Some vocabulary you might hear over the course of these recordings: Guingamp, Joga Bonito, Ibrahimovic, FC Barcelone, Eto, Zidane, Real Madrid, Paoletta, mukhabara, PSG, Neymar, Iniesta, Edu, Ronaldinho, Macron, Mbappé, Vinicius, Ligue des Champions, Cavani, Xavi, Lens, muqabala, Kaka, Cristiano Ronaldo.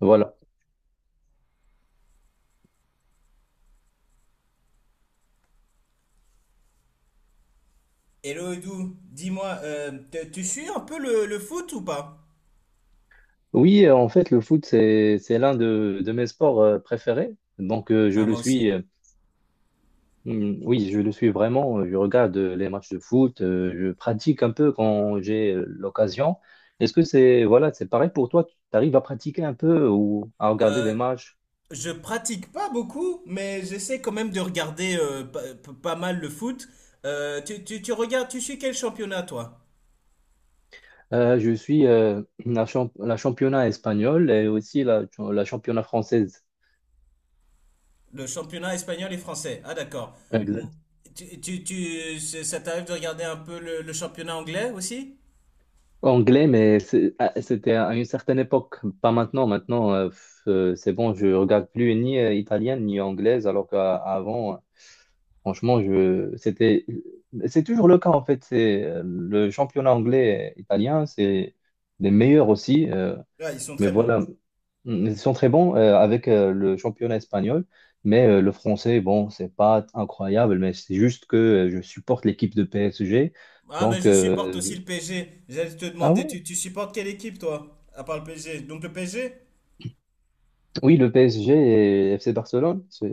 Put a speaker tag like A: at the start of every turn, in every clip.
A: Voilà.
B: Hello Edu, dis-moi, tu suis un peu le foot ou pas?
A: Oui, en fait, le foot, c'est l'un de mes sports préférés. Donc, je
B: Ah,
A: le
B: moi
A: suis,
B: aussi.
A: oui, je le suis vraiment. Je regarde les matchs de foot, je pratique un peu quand j'ai l'occasion. Est-ce que c'est, voilà, c'est pareil pour toi? Tu arrives à pratiquer un peu ou à regarder des
B: Euh,
A: matchs?
B: je pratique pas beaucoup, mais j'essaie quand même de regarder pas mal le foot. Tu regardes, tu suis quel championnat toi?
A: Je suis la, la championnat espagnole et aussi la, la championnat française.
B: Le championnat espagnol et français. Ah d'accord. Mou- ça t'arrive de regarder un peu le championnat anglais aussi?
A: Anglais, mais c'était à une certaine époque, pas maintenant. Maintenant, c'est bon, je regarde plus ni italienne ni anglaise, alors qu'avant, franchement, c'est toujours le cas en fait. C'est le championnat anglais et italien, c'est les meilleurs aussi. euh,
B: Ah, ils sont
A: mais
B: très bons.
A: voilà, Mm, ils sont très bons avec le championnat espagnol, mais le français, bon, c'est pas incroyable, mais c'est juste que je supporte l'équipe de PSG,
B: Ah, mais
A: donc.
B: je supporte aussi le PSG. J'allais te
A: Ah
B: demander,
A: ouais.
B: tu supportes quelle équipe toi? À part le PSG. Donc le PSG?
A: Oui, le PSG et FC Barcelone, c'est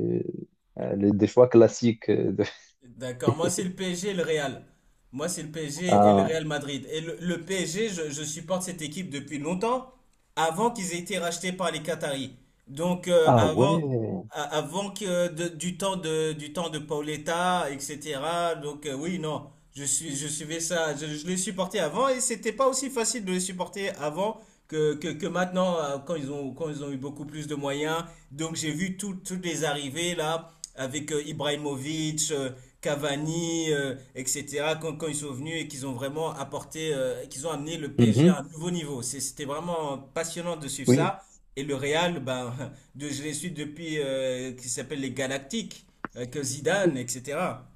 A: des choix classiques.
B: D'accord, moi c'est le PSG et le Real. Moi c'est le PSG et le
A: Ah,
B: Real Madrid. Et le PSG, je supporte cette équipe depuis longtemps, avant qu'ils aient été rachetés par les Qataris. Donc
A: ah
B: avant,
A: ouais.
B: du temps de Paoletta, etc. Donc oui, non, je suivais ça, je les supportais avant et c'était pas aussi facile de les supporter avant que maintenant quand ils ont eu beaucoup plus de moyens. Donc j'ai vu toutes les arrivées là avec Ibrahimovic, Cavani, etc., quand ils sont venus et qu'ils ont vraiment apporté, qu'ils ont amené le PSG à un
A: Mhm,
B: nouveau niveau. C'était vraiment passionnant de suivre
A: oui.
B: ça. Et le Real, ben, de, je les suis depuis, qui s'appelle les Galactiques, avec Zidane, etc.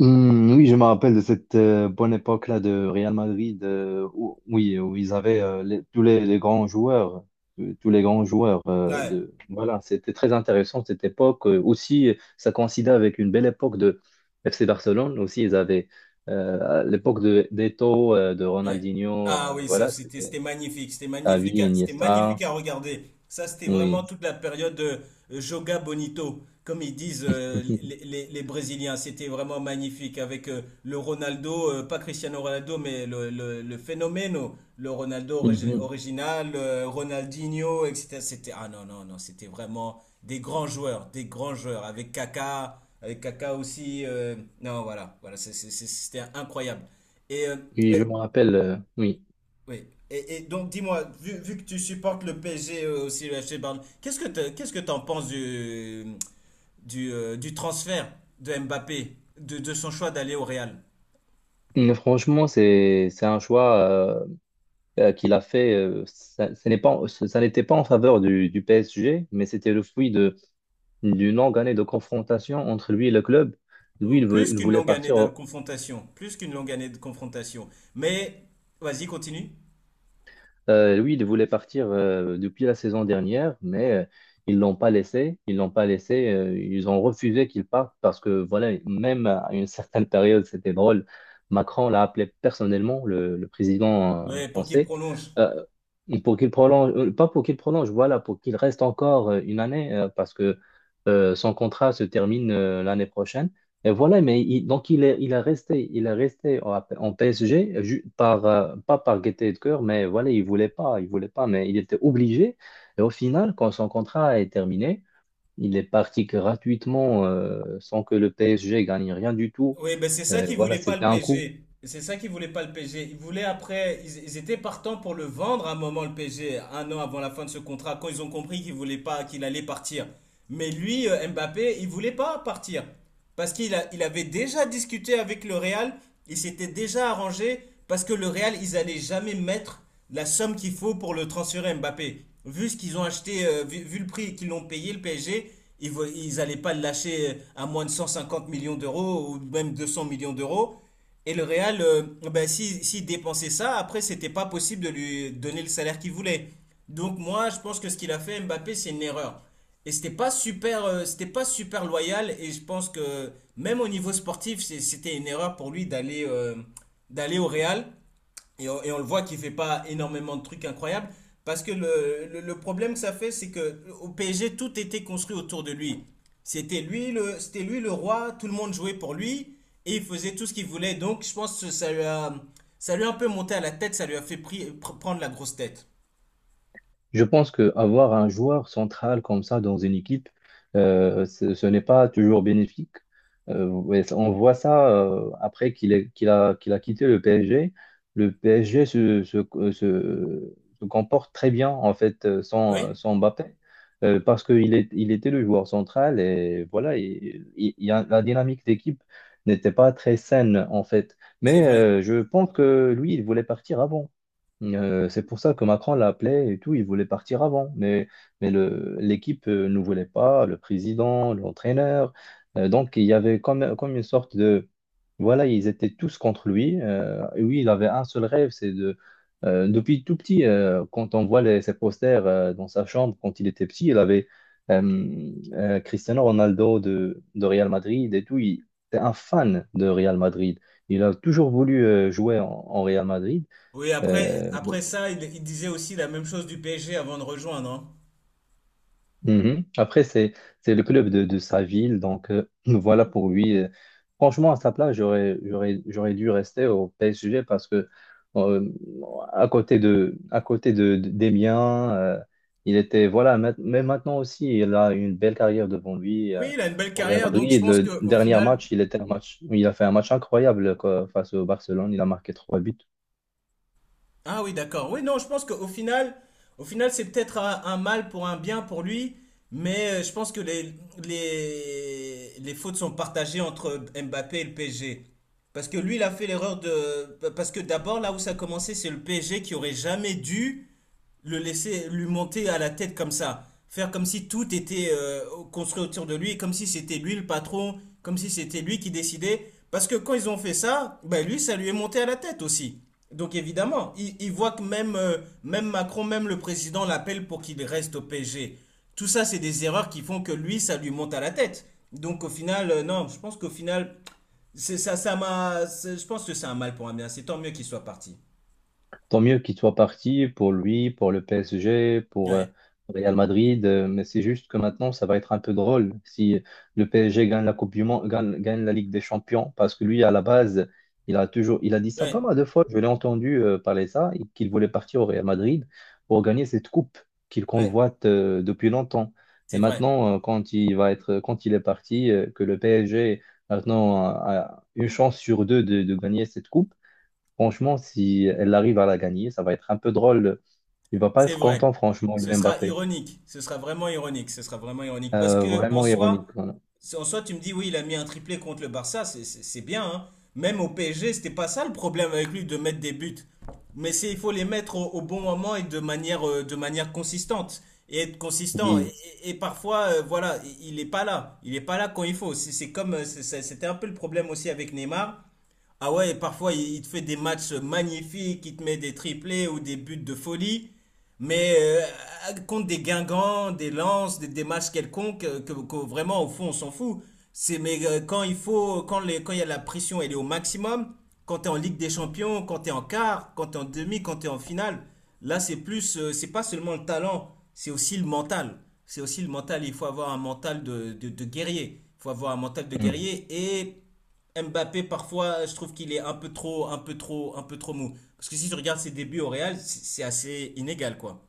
A: Hmm, oui, je me rappelle de cette bonne époque-là de Real Madrid, où, oui, où ils avaient tous les grands joueurs, tous les grands joueurs
B: Ouais.
A: de. Voilà, c'était très intéressant cette époque. Aussi, ça coïncidait avec une belle époque de FC Barcelone. Aussi, ils avaient à l'époque de d'Eto, de
B: Ouais.
A: Ronaldinho.
B: Ah oui, ça
A: Voilà,
B: c'était
A: c'était
B: c'était magnifique, c'était
A: Xavi,
B: magnifique, c'était
A: Iniesta,
B: magnifique à regarder. Ça c'était vraiment
A: oui.
B: toute la période Joga Bonito, comme ils disent les Brésiliens. C'était vraiment magnifique avec le Ronaldo, pas Cristiano Ronaldo, mais le phénomène, le Ronaldo
A: Mhm.
B: original, Ronaldinho, etc. C'était ah non non non, c'était vraiment des grands joueurs avec Kaka aussi. Non voilà voilà, c'était incroyable. Et
A: Oui, je me rappelle, oui.
B: oui. Et donc, dis-moi, vu que tu supportes le PSG aussi, le FC Barcelone, qu'est-ce que t'en penses du transfert de Mbappé, de son choix d'aller au Real?
A: Mais franchement, c'est un choix qu'il a fait. Ça ce n'est pas, ça n'était pas en faveur du PSG, mais c'était le fruit de d'une longue année de confrontation entre lui et le club. Lui,
B: Plus
A: il
B: qu'une
A: voulait
B: longue année de
A: partir.
B: confrontation, plus qu'une longue année de confrontation. Mais, vas-y, continue.
A: Oui, il voulait partir depuis la saison dernière, mais Ils l'ont pas laissé. Ils ont refusé qu'il parte parce que voilà, même à une certaine période, c'était drôle. Macron l'a appelé personnellement, le président
B: Ouais, pour qu'il
A: français,
B: prolonge.
A: euh, pour qu'il prolonge, pas pour qu'il prolonge, voilà, pour qu'il reste encore une année parce que son contrat se termine l'année prochaine. Et voilà, donc il est resté en, en PSG pas par gaieté de cœur, mais voilà, il voulait pas, mais il était obligé. Et au final, quand son contrat est terminé, il est parti gratuitement, sans que le PSG gagne rien du tout.
B: Oui, ben c'est ça
A: Et
B: qu'ils
A: voilà,
B: voulaient pas
A: c'était
B: le
A: un coup.
B: PG. C'est ça qu'ils voulaient pas le PG. Ils voulaient après, ils étaient partants pour le vendre à un moment le PG, un an avant la fin de ce contrat, quand ils ont compris qu'il voulait pas, qu'il allait partir. Mais lui, Mbappé, il voulait pas partir parce il avait déjà discuté avec le Real. Il s'était déjà arrangé parce que le Real, ils allaient jamais mettre la somme qu'il faut pour le transférer Mbappé. Vu ce qu'ils ont acheté, vu le prix qu'ils l'ont payé, le PSG, ils allaient pas le lâcher à moins de 150 millions d'euros ou même 200 millions d'euros. Et le Real, ben, si, s'il dépensait ça, après, c'était pas possible de lui donner le salaire qu'il voulait. Donc moi, je pense que ce qu'il a fait, Mbappé, c'est une erreur. Et c'était pas super loyal. Et je pense que même au niveau sportif, c'était une erreur pour lui d'aller d'aller au Real. Et on le voit qu'il ne fait pas énormément de trucs incroyables. Parce que le problème que ça fait, c'est que au PSG, tout était construit autour de lui. C'était lui le roi, tout le monde jouait pour lui et il faisait tout ce qu'il voulait. Donc je pense que ça lui a un peu monté à la tête, ça lui a fait prendre la grosse tête.
A: Je pense qu'avoir un joueur central comme ça dans une équipe, ce n'est pas toujours bénéfique. Ouais, on voit ça après qu'il a quitté le PSG. Le PSG se comporte très bien en fait
B: Oui,
A: sans Mbappé parce il était le joueur central et voilà, la dynamique d'équipe n'était pas très saine en fait.
B: c'est
A: Mais
B: vrai.
A: je pense que lui, il voulait partir avant. C'est pour ça que Macron l'appelait et tout, il voulait partir avant. Mais le, l'équipe ne voulait pas, le président, l'entraîneur. Donc il y avait comme, comme une sorte de… Voilà, ils étaient tous contre lui. Et oui, il avait un seul rêve, c'est de… depuis tout petit, quand on voit ses posters dans sa chambre, quand il était petit, il avait Cristiano Ronaldo de Real Madrid et tout. Il était un fan de Real Madrid. Il a toujours voulu jouer en Real Madrid.
B: Oui, après,
A: Euh,
B: après ça, il disait aussi la même chose du PSG avant de rejoindre, hein.
A: Mhm. Après, c'est le club de sa ville, donc voilà pour lui. Franchement, à sa place, j'aurais dû rester au PSG parce que euh, à côté des miens, il était voilà. Mais maintenant aussi, il a une belle carrière devant lui.
B: Oui, il a une belle
A: Au Real
B: carrière, donc je
A: Madrid,
B: pense
A: le
B: qu'au
A: dernier
B: final,
A: match, il a fait un match incroyable quoi, face au Barcelone. Il a marqué trois buts.
B: ah oui, d'accord. Oui, non, je pense qu'au final, au final, c'est peut-être un mal pour un bien pour lui, mais je pense que les fautes sont partagées entre Mbappé et le PSG. Parce que lui, il a fait l'erreur de... Parce que d'abord, là où ça a commencé, c'est le PSG qui aurait jamais dû le laisser lui monter à la tête comme ça, faire comme si tout était construit autour de lui, comme si c'était lui le patron, comme si c'était lui qui décidait. Parce que quand ils ont fait ça, ben lui, ça lui est monté à la tête aussi. Donc évidemment, il voit que même Macron, même le président l'appelle pour qu'il reste au PSG. Tout ça, c'est des erreurs qui font que lui, ça lui monte à la tête. Donc au final, non, je pense qu'au final, ça, ça m'a, je pense que c'est un mal pour un bien. C'est tant mieux qu'il soit parti.
A: Tant mieux qu'il soit parti pour lui, pour le PSG, pour
B: Ouais,
A: Real Madrid, mais c'est juste que maintenant, ça va être un peu drôle si le PSG gagne la Coupe du Monde, gagne la Ligue des Champions, parce que lui, à la base, il a dit ça
B: ouais,
A: pas mal de fois, je l'ai entendu parler ça, et qu'il voulait partir au Real Madrid pour gagner cette coupe qu'il
B: ouais,
A: convoite depuis longtemps. Et
B: c'est vrai.
A: maintenant, quand il est parti, que le PSG maintenant a une chance sur deux de gagner cette coupe. Franchement, si elle arrive à la gagner, ça va être un peu drôle. Il va pas
B: C'est
A: être
B: vrai.
A: content, franchement,
B: Ce
A: le
B: sera
A: Mbappé.
B: ironique. Ce sera vraiment ironique. Ce sera vraiment ironique. Parce que
A: Vraiment ironique. Voilà.
B: en soi, tu me dis, oui, il a mis un triplé contre le Barça, c'est bien, hein. Même au PSG, c'était pas ça le problème avec lui de mettre des buts. Mais c'est, il faut les mettre au bon moment et de manière consistante. Et être consistant.
A: Oui.
B: Et parfois, voilà, il n'est pas là. Il n'est pas là quand il faut. C'est comme, c'était un peu le problème aussi avec Neymar. Ah ouais, parfois il te fait des matchs magnifiques, il te met des triplés ou des buts de folie, mais contre des Guingamp, des Lens, des matchs quelconques, que vraiment au fond on s'en fout. C'est mais quand il faut, quand il y a la pression, elle est au maximum. Quand t'es en Ligue des Champions, quand t'es en quart, quand t'es en demi, quand t'es en finale, là c'est plus, c'est pas seulement le talent, c'est aussi le mental. C'est aussi le mental. Il faut avoir un mental de guerrier. Il faut avoir un mental de
A: Mm.
B: guerrier et Mbappé, parfois, je trouve qu'il est un peu trop, un peu trop, un peu trop mou. Parce que si je regarde ses débuts au Real, c'est assez inégal, quoi.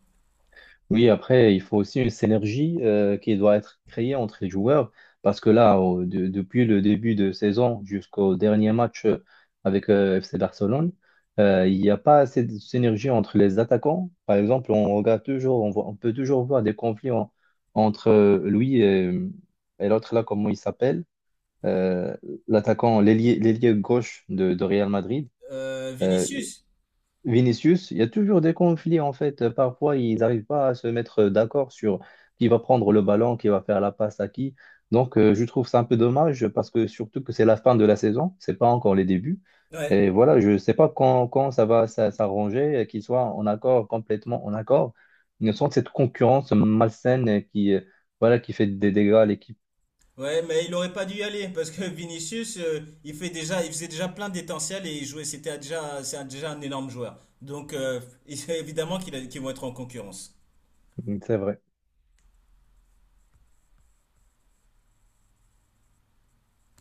A: Oui, après, il faut aussi une synergie qui doit être créée entre les joueurs. Parce que là, depuis le début de saison jusqu'au dernier match avec FC Barcelone, il n'y a pas assez de synergie entre les attaquants. Par exemple, on peut toujours voir des conflits entre lui et l'autre là, comment il s'appelle euh, l'attaquant, l'ailier gauche de Real Madrid. Euh,
B: Vinicius?
A: Vinicius, il y a toujours des conflits en fait. Parfois, ils n'arrivent pas à se mettre d'accord sur qui va prendre le ballon, qui va faire la passe à qui. Donc, je trouve ça un peu dommage parce que surtout que c'est la fin de la saison, c'est pas encore les débuts.
B: Ouais.
A: Et voilà, je ne sais pas quand ça va s'arranger, qu'ils soient en accord, complètement en accord. Il y a cette concurrence malsaine qui, voilà, qui fait des dégâts à l'équipe.
B: Ouais, mais il aurait pas dû y aller parce que Vinicius, il fait déjà, il faisait déjà plein d'étincelles et il jouait, c'était déjà, déjà un énorme joueur. Donc, évidemment qu'ils vont être en concurrence.
A: C'est vrai.